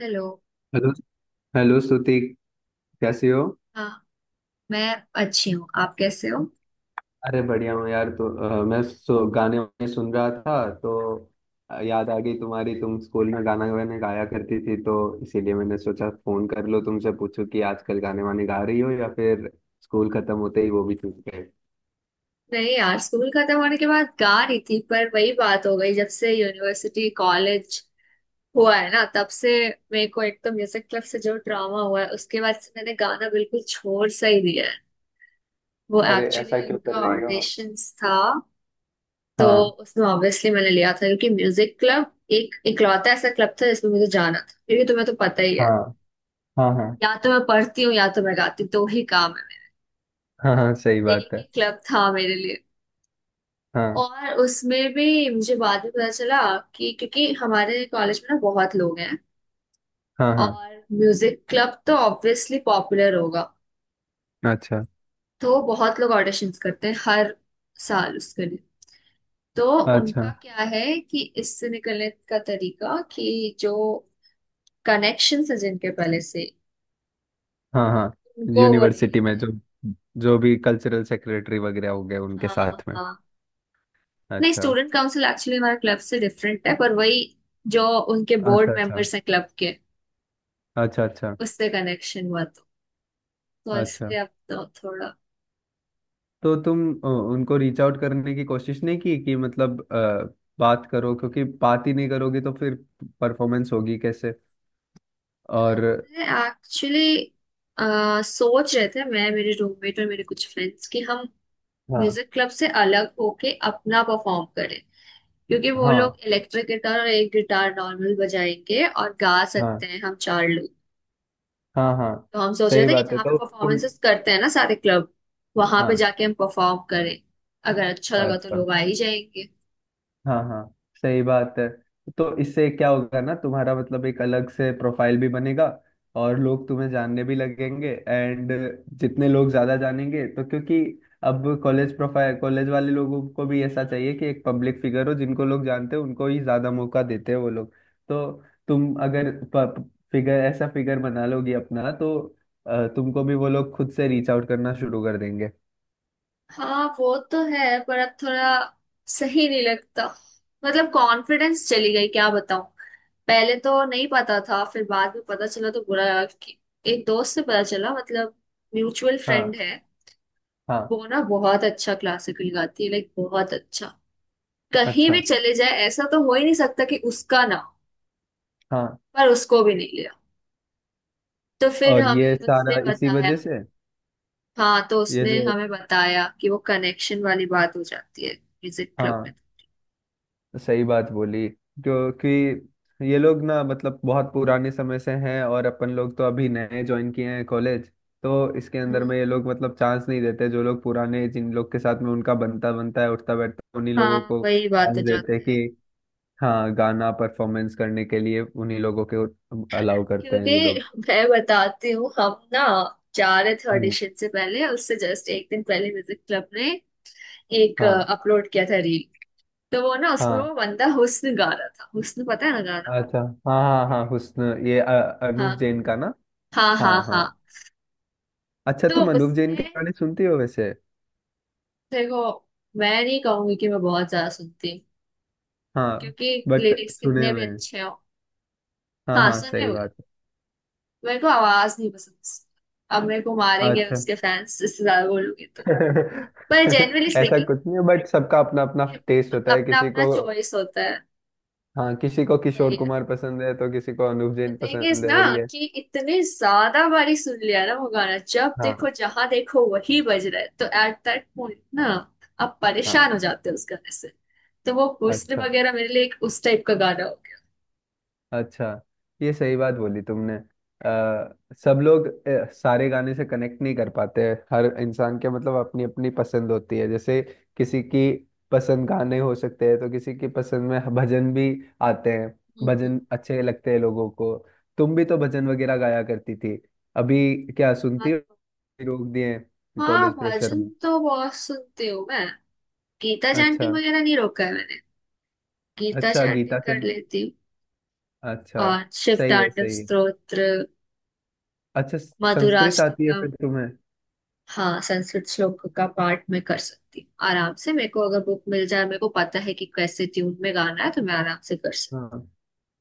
Hello. Hello. Hello Shruti, कैसी हो? हाँ। मैं अच्छी हूँ, आप कैसे हो? अरे, बढ़िया हूँ यार। तो मैं गाने वाने सुन रहा था। तो याद आ गई तुम्हारी। तुम स्कूल में गाना वाने गाया करती थी, तो इसीलिए मैंने सोचा फोन कर लो, तुमसे पूछूं कि आजकल गाने वाने गा रही हो या फिर स्कूल खत्म होते ही वो भी छूट गए। नहीं यार, स्कूल खत्म होने के बाद गा रही थी पर वही बात हो गई। जब से यूनिवर्सिटी कॉलेज हुआ है ना, तब से मेरे को, एक तो म्यूजिक क्लब से जो ड्रामा हुआ है उसके बाद से मैंने गाना बिल्कुल छोड़ सा ही दिया है। वो अरे, ऐसा एक्चुअली क्यों कर उनका रही हो? ऑडिशंस था तो हाँ। उसमें ऑब्वियसली मैंने लिया था, क्योंकि म्यूजिक क्लब एक इकलौता ऐसा क्लब था जिसमें मुझे जाना था। क्योंकि तुम्हें तो पता ही है, हाँ। हाँ। हाँ। या तो मैं पढ़ती हूँ या तो मैं गाती हूँ, दो ही काम है हाँ। हाँ, सही मेरे। बात एक है। ही क्लब था मेरे लिए। हाँ। और उसमें भी मुझे बाद में पता चला कि, क्योंकि हमारे कॉलेज में ना बहुत लोग हैं, हाँ। हाँ। और म्यूजिक क्लब तो ऑब्वियसली पॉपुलर होगा, अच्छा। तो बहुत लोग ऑडिशंस करते हैं हर साल उसके लिए। तो अच्छा। उनका क्या है कि इससे निकलने का तरीका, कि जो कनेक्शंस है जिनके पहले से, हाँ। हाँ। उनको वो ले यूनिवर्सिटी लेते में हैं। जो जो भी कल्चरल सेक्रेटरी वगैरह हो गए उनके हाँ साथ में। हाँ। नहीं, अच्छा। स्टूडेंट काउंसिल एक्चुअली हमारे क्लब से डिफरेंट है, पर वही जो उनके अच्छा। बोर्ड अच्छा। मेंबर्स हैं क्लब के, अच्छा। अच्छा। उससे कनेक्शन हुआ था। तो अच्छा। इसलिए अब तो थोड़ा। तो तुम उनको रीच आउट करने की कोशिश नहीं की कि मतलब बात करो, क्योंकि बात ही नहीं करोगी तो फिर परफॉर्मेंस होगी कैसे? और? एक्चुअली सोच रहे थे मैं, मेरे रूममेट और मेरे कुछ फ्रेंड्स, कि हम हाँ। म्यूजिक क्लब से अलग होके अपना परफॉर्म करें। क्योंकि वो लोग हाँ। इलेक्ट्रिक गिटार और एक गिटार नॉर्मल बजाएंगे, और गा हाँ। सकते हैं हम चार लोग। हाँ। हाँ, तो हम सोच रहे सही थे कि बात है, जहाँ पे तो तुम। परफॉर्मेंसेस करते हैं ना सारे क्लब, वहां पे हाँ। जाके हम परफॉर्म करें। अगर अच्छा लगा तो अच्छा। लोग आ ही जाएंगे। हाँ, हाँ, सही बात है। तो इससे क्या होगा ना, तुम्हारा मतलब एक अलग से प्रोफाइल भी बनेगा और लोग तुम्हें जानने भी लगेंगे। एंड जितने लोग ज्यादा जानेंगे तो क्योंकि अब कॉलेज प्रोफाइल, कॉलेज वाले लोगों को भी ऐसा चाहिए कि एक पब्लिक फिगर हो जिनको लोग जानते हैं, उनको ही ज्यादा मौका देते हैं वो लोग। तो तुम अगर फिगर ऐसा फिगर बना लोगी अपना, तो तुमको भी वो लोग खुद से रीच आउट करना शुरू कर देंगे। हाँ वो तो है, पर अब थोड़ा सही नहीं लगता। मतलब कॉन्फिडेंस चली गई, क्या बताऊं। पहले तो नहीं पता था, फिर बाद में पता चला तो बुरा लगा कि, एक दोस्त से पता चला, मतलब म्यूचुअल फ्रेंड हाँ। है। हाँ। वो ना बहुत अच्छा क्लासिकल गाती है, लाइक बहुत अच्छा। कहीं भी अच्छा। चले जाए ऐसा तो हो ही नहीं सकता कि उसका ना हो, हाँ। पर उसको भी नहीं लिया। तो फिर और ये हमें उसने सारा इसी बताया। वजह से। हाँ, तो ये उसने जो हमें बताया कि वो कनेक्शन वाली बात हो जाती है म्यूजिक क्लब में। हाँ, सही बात बोली। क्योंकि ये लोग ना मतलब बहुत पुराने समय से हैं और अपन लोग तो अभी नए ज्वाइन किए हैं कॉलेज। तो इसके अंदर हम्म। में ये लोग मतलब चांस नहीं देते। जो लोग पुराने, जिन लोग के साथ में उनका बनता बनता है, उठता बैठता है, उन्हीं लोगों हाँ को वही बात चांस हो देते हैं जाती है। कि हाँ, गाना परफॉर्मेंस करने के लिए उन्हीं लोगों के अलाउ करते हैं क्योंकि ये लोग। मैं बताती हूँ, हम ना जा रहे थे हम्म। ऑडिशन से पहले, उससे जस्ट एक दिन पहले म्यूजिक क्लब ने एक हाँ। अपलोड किया था रील। तो वो ना, उसमें हाँ। वो बंदा हुस्न गा रहा था। हुस्न पता है ना गाना? अच्छा। हाँ, हाँ, हाँ हुस्न। ये हाँ अनूप जैन का ना। हाँ हाँ। हाँ। हाँ। हाँ अच्छा, तो तुम अनूप जैन के उसमें गाने सुनती हो वैसे? देखो, मैं नहीं कहूंगी कि मैं बहुत ज्यादा सुनती हूँ, हाँ, क्योंकि बट लिरिक्स सुने कितने भी हुए हैं। अच्छे हो। हाँ, हाँ, हाँ, सुने सही हुए। बात मेरे को आवाज नहीं पसंद। अब मेरे को है। मारेंगे अच्छा। उसके फैंस, इससे ज्यादा बोलूंगी तो। पर जेनरली ऐसा स्पीकिंग, कुछ नहीं है, बट सबका अपना अपना ये टेस्ट होता है, अपना किसी अपना को। चॉइस होता है। हाँ, किसी को किशोर वही है। कुमार पसंद है तो किसी को Anup the Jain thing is पसंद है, ना, वही है। कि इतने ज्यादा बारी सुन लिया ना वो गाना, जब हाँ। देखो जहां देखो वही बज रहा है, तो एट दैट पॉइंट ना आप हाँ। परेशान हो जाते हो उस गाने से। तो वो हुस्न अच्छा। वगैरह मेरे लिए एक उस टाइप का गाना हो गया। अच्छा। ये सही बात बोली तुमने। सब लोग सारे गाने से कनेक्ट नहीं कर पाते हैं। हर इंसान के मतलब अपनी अपनी पसंद होती है, जैसे किसी की पसंद गाने हो सकते हैं तो किसी की पसंद में भजन भी आते हैं। हम्म। भजन अच्छे लगते हैं लोगों को। तुम भी तो भजन वगैरह गाया करती थी। अभी क्या सुनती हाँ। हो? रोक दिए हाँ, कॉलेज प्रेशर भजन में? तो बहुत सुनती हूँ मैं। गीता अच्छा। चैंटिंग वगैरह नहीं रोका है मैंने, गीता अच्छा, चैंटिंग गीता कर सेन। लेती हूँ। अच्छा। और शिव सही है, तांडव सही है। स्तोत्र, अच्छा। संस्कृत आती है मधुराष्टकम। फिर तुम्हें? हाँ, संस्कृत श्लोक का पाठ मैं कर सकती हूँ आराम से। मेरे को अगर बुक मिल जाए, मेरे को पता है कि कैसे ट्यून में गाना है, तो मैं आराम से कर सकती हाँ,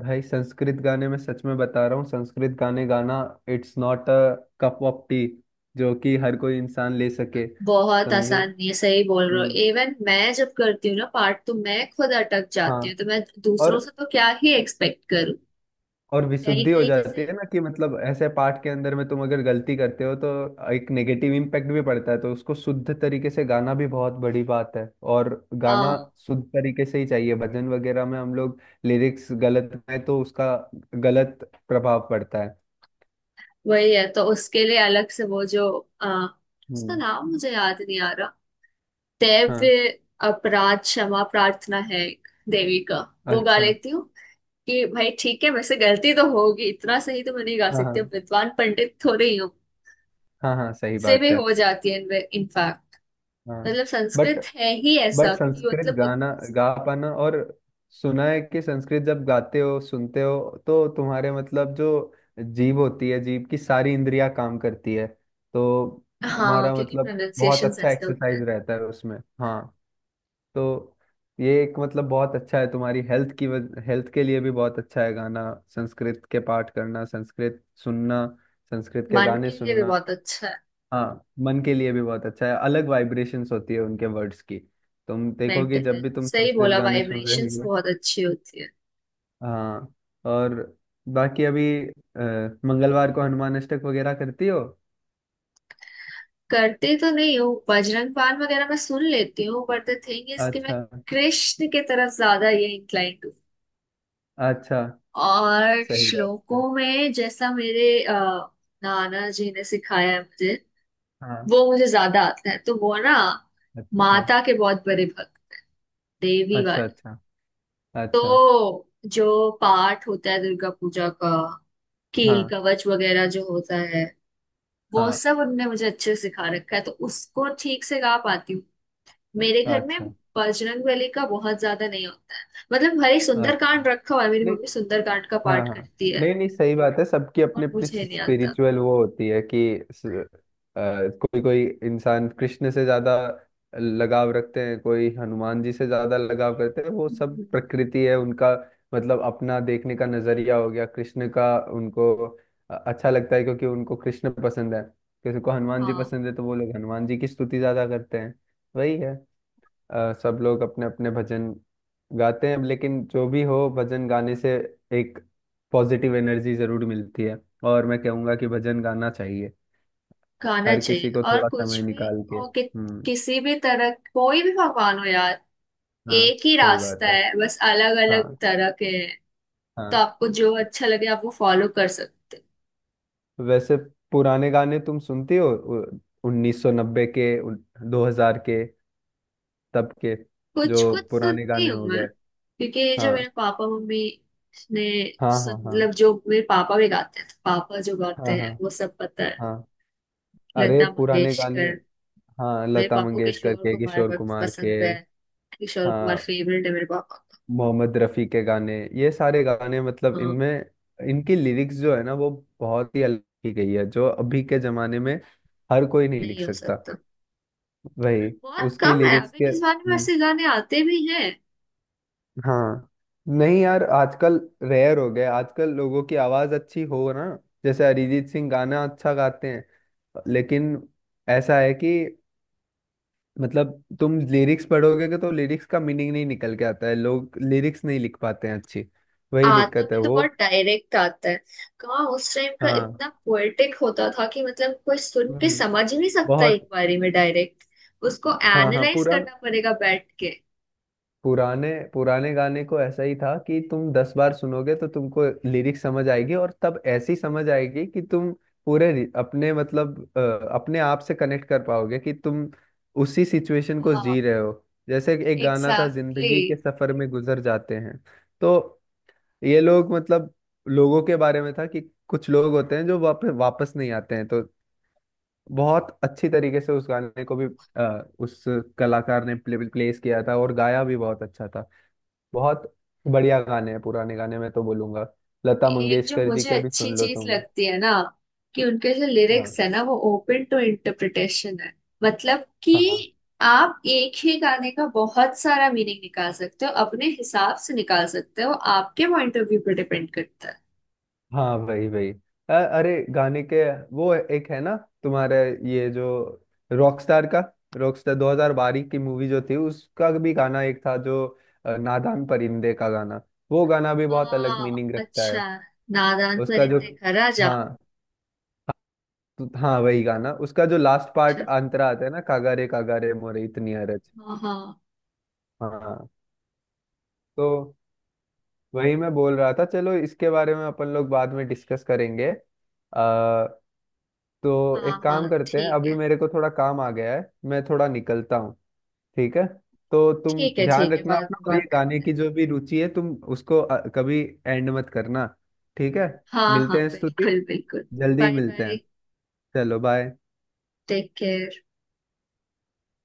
भाई, संस्कृत गाने में सच में बता रहा हूँ, संस्कृत गाने गाना it's not a cup of tea, जो कि हर कोई इंसान ले सके। हूँ। बहुत समझे। आसान नहीं है, सही बोल रहे हो। हम्म। इवन मैं जब करती हूँ ना पाठ, तो मैं खुद अटक जाती हाँ। हूँ, तो मैं और दूसरों से तो क्या ही एक्सपेक्ट करूँ। और कहीं विशुद्धि हो कहीं जाती जैसे, है ना कि मतलब ऐसे पाठ के अंदर में तुम अगर गलती करते हो तो एक नेगेटिव इम्पैक्ट भी पड़ता है, तो उसको शुद्ध तरीके से गाना भी बहुत बड़ी बात है। और गाना हाँ, शुद्ध तरीके से ही चाहिए, भजन वगैरह में हम लोग लिरिक्स गलत गाएं तो उसका गलत प्रभाव पड़ता है। वही है। तो उसके लिए अलग से वो जो, आ, उसका हम्म। नाम मुझे याद नहीं आ रहा। हाँ। दैव्य अपराध क्षमा प्रार्थना है एक देवी का, वो गा अच्छा। लेती हूँ। कि भाई ठीक है, वैसे गलती तो होगी, इतना सही तो मैं नहीं गा हाँ। सकती, अब हाँ। विद्वान पंडित थोड़े ही हूँ। हाँ। हाँ, सही मुझसे भी बात है। हो जाती है इनफैक्ट। हाँ। मतलब बट संस्कृत है ही बट ऐसा कि संस्कृत मतलब गाना गा पाना और सुना है कि संस्कृत जब गाते हो, सुनते हो तो तुम्हारे मतलब जो जीभ होती है, जीभ की सारी इंद्रियां काम करती है। तो हाँ, तुम्हारा क्योंकि मतलब बहुत प्रोनाउंसिएशन अच्छा ऐसे होते एक्सरसाइज हैं। रहता है उसमें। हाँ, तो ये एक मतलब बहुत अच्छा है तुम्हारी हेल्थ की, हेल्थ के लिए भी बहुत अच्छा है गाना, संस्कृत के पाठ करना, संस्कृत सुनना, संस्कृत के मन गाने के लिए भी सुनना। बहुत अच्छा है। हाँ, मन के लिए भी बहुत अच्छा है, अलग वाइब्रेशंस होती है उनके वर्ड्स की। तुम देखोगे मेंटल जब हेल्थ, भी तुम सही संस्कृत बोला। गाने सुन रहे वाइब्रेशंस हो। बहुत अच्छी होती है। हाँ। और बाकी अभी मंगलवार को हनुमान अष्टक वगैरह करती हो? करती तो नहीं हूँ, बजरंग बाण वगैरह मैं सुन लेती हूँ। बट द थिंग इज कि मैं अच्छा। कृष्ण की तरफ ज्यादा ये इंक्लाइंड। अच्छा। और सही बात है। श्लोकों में जैसा मेरे नाना जी ने सिखाया है मुझे, हाँ। वो मुझे ज्यादा आता है। तो वो ना अच्छा। माता के बहुत बड़े भक्त, देवी अच्छा। वाले। अच्छा। अच्छा। तो जो पाठ होता है दुर्गा पूजा का, कील हाँ। कवच वगैरह जो होता है, वो हाँ। सब उनने मुझे अच्छे से सिखा रखा है, तो उसको ठीक से गा पाती हूँ। मेरे घर में अच्छा। बजरंग बली का बहुत ज्यादा नहीं होता है। मतलब भाई अच्छा। सुंदरकांड रखा हुआ है, मेरी नहीं। मम्मी सुंदरकांड का हाँ। पाठ हाँ। करती है, नहीं, नहीं, सही बात है। सबकी अपनी और अपनी मुझे नहीं आता। स्पिरिचुअल वो होती है कि कोई कोई इंसान कृष्ण से ज्यादा लगाव रखते हैं, कोई हनुमान जी से ज्यादा लगाव करते हैं, वो सब हम्म। प्रकृति है उनका। मतलब अपना देखने का नजरिया हो गया, कृष्ण का, उनको अच्छा लगता है क्योंकि उनको कृष्ण पसंद है। किसी को हनुमान जी हाँ, पसंद है तो वो लोग हनुमान जी की स्तुति ज्यादा करते हैं। वही है। सब लोग अपने अपने भजन गाते हैं, लेकिन जो भी हो, भजन गाने से एक पॉजिटिव एनर्जी जरूर मिलती है, और मैं कहूँगा कि भजन गाना चाहिए गाना हर चाहिए किसी को और थोड़ा समय कुछ भी, निकाल के। और कि, हम्म। किसी भी तरह, कोई भी भगवान हो यार, हाँ, एक ही सही बात रास्ता है। है, बस अलग अलग हाँ। तरह के हैं। तो हाँ। आपको जो अच्छा लगे आप वो फॉलो कर सकते हो। वैसे पुराने गाने तुम सुनती हो, 1990 के, 2000 के, तब के, जो कुछ कुछ पुराने सुनती गाने हूँ हो मैं, गए। क्योंकि ये जो हाँ। मेरे पापा मम्मी ने हाँ। सुन, हाँ। हाँ। मतलब जो मेरे पापा भी गाते हैं, तो पापा जो गाते हाँ। हाँ। हैं वो सब पता है। हाँ। अरे, लता पुराने गाने, मंगेशकर। हाँ, मेरे लता पापा को मंगेशकर किशोर के, कुमार किशोर बहुत कुमार के। पसंद है, किशोर कुमार हाँ, फेवरेट है मेरे पापा का। मोहम्मद रफ़ी के गाने, ये सारे गाने मतलब हाँ, इनमें, इनकी लिरिक्स जो है ना वो बहुत ही अलग की गई है, जो अभी के जमाने में हर कोई नहीं लिख नहीं हो सकता। सकता। वही बहुत उसकी कम है लिरिक्स अभी के। के जमाने में हम्म। ऐसे गाने आते भी हैं। हाँ। नहीं यार, आजकल रेयर हो गया आजकल लोगों की आवाज अच्छी हो ना, जैसे अरिजीत सिंह गाना अच्छा गाते हैं लेकिन ऐसा है कि मतलब तुम लिरिक्स पढ़ोगे, कि तो लिरिक्स का मीनिंग नहीं निकल के आता है, लोग लिरिक्स नहीं लिख पाते हैं अच्छी, वही आता दिक्कत है भी तो वो। बहुत डायरेक्ट आता है। कहाँ उस टाइम का हाँ। इतना पोएटिक होता था कि मतलब कोई सुन हम्म। के हम्म। समझ ही नहीं सकता एक बहुत। बारी में डायरेक्ट, उसको हाँ। हाँ। एनालाइज करना पड़ेगा बैठ के। पुराने पुराने गाने को ऐसा ही था कि तुम 10 बार सुनोगे तो तुमको लिरिक्स समझ आएगी, और तब ऐसी समझ आएगी कि तुम पूरे अपने मतलब अपने आप से कनेक्ट कर पाओगे कि तुम उसी सिचुएशन को हाँ, जी रहे हो। जैसे कि एक गाना था, एग्जैक्टली। जिंदगी के सफर में गुजर जाते हैं। तो ये लोग मतलब लोगों के बारे में था कि कुछ लोग होते हैं जो वापस वापस नहीं आते हैं, तो बहुत अच्छी तरीके से उस गाने को भी उस कलाकार ने प्लेस किया था, और गाया भी बहुत अच्छा था। बहुत बढ़िया गाने हैं पुराने गाने, मैं तो बोलूंगा लता एक जो मंगेशकर जी मुझे के भी अच्छी सुन लो चीज तुम। लगती है ना, कि उनके जो हाँ। लिरिक्स है ना वो ओपन टू इंटरप्रिटेशन है, मतलब कि हाँ। आप एक ही गाने का बहुत सारा मीनिंग निकाल सकते हो, अपने हिसाब से निकाल सकते हो, आपके पॉइंट ऑफ व्यू पर डिपेंड करता है। हाँ, वही वही। अरे, गाने के, वो एक है ना, तुम्हारे ये जो रॉकस्टार का रॉकस्टार 2012 की मूवी जो थी उसका भी गाना एक था, जो नादान परिंदे का गाना, वो गाना भी बहुत अलग हाँ, मीनिंग रखता है। अच्छा। नादान उसका जो, परिंदे घर आ जा। हाँ, तो हाँ वही गाना, उसका जो लास्ट पार्ट अंतरा आता है ना, कागारे कागारे मोरे इतनी अरज। हाँ हाँ हाँ। तो वही मैं बोल रहा था, चलो इसके बारे में अपन लोग बाद में डिस्कस करेंगे। आ, तो हाँ। एक काम हाँ करते हैं, ठीक अभी है, मेरे को थोड़ा काम आ गया है, मैं थोड़ा निकलता हूँ। ठीक है। तो तुम ठीक है। ध्यान ठीक है, रखना बाद अपना, में और ये बात गाने करते हैं। की जो भी रुचि है तुम उसको कभी एंड मत करना। ठीक है। हाँ मिलते हाँ, हैं स्तुति, बिल्कुल बिल्कुल। जल्दी ही बाय मिलते बाय। हैं। चलो, बाय। Take care.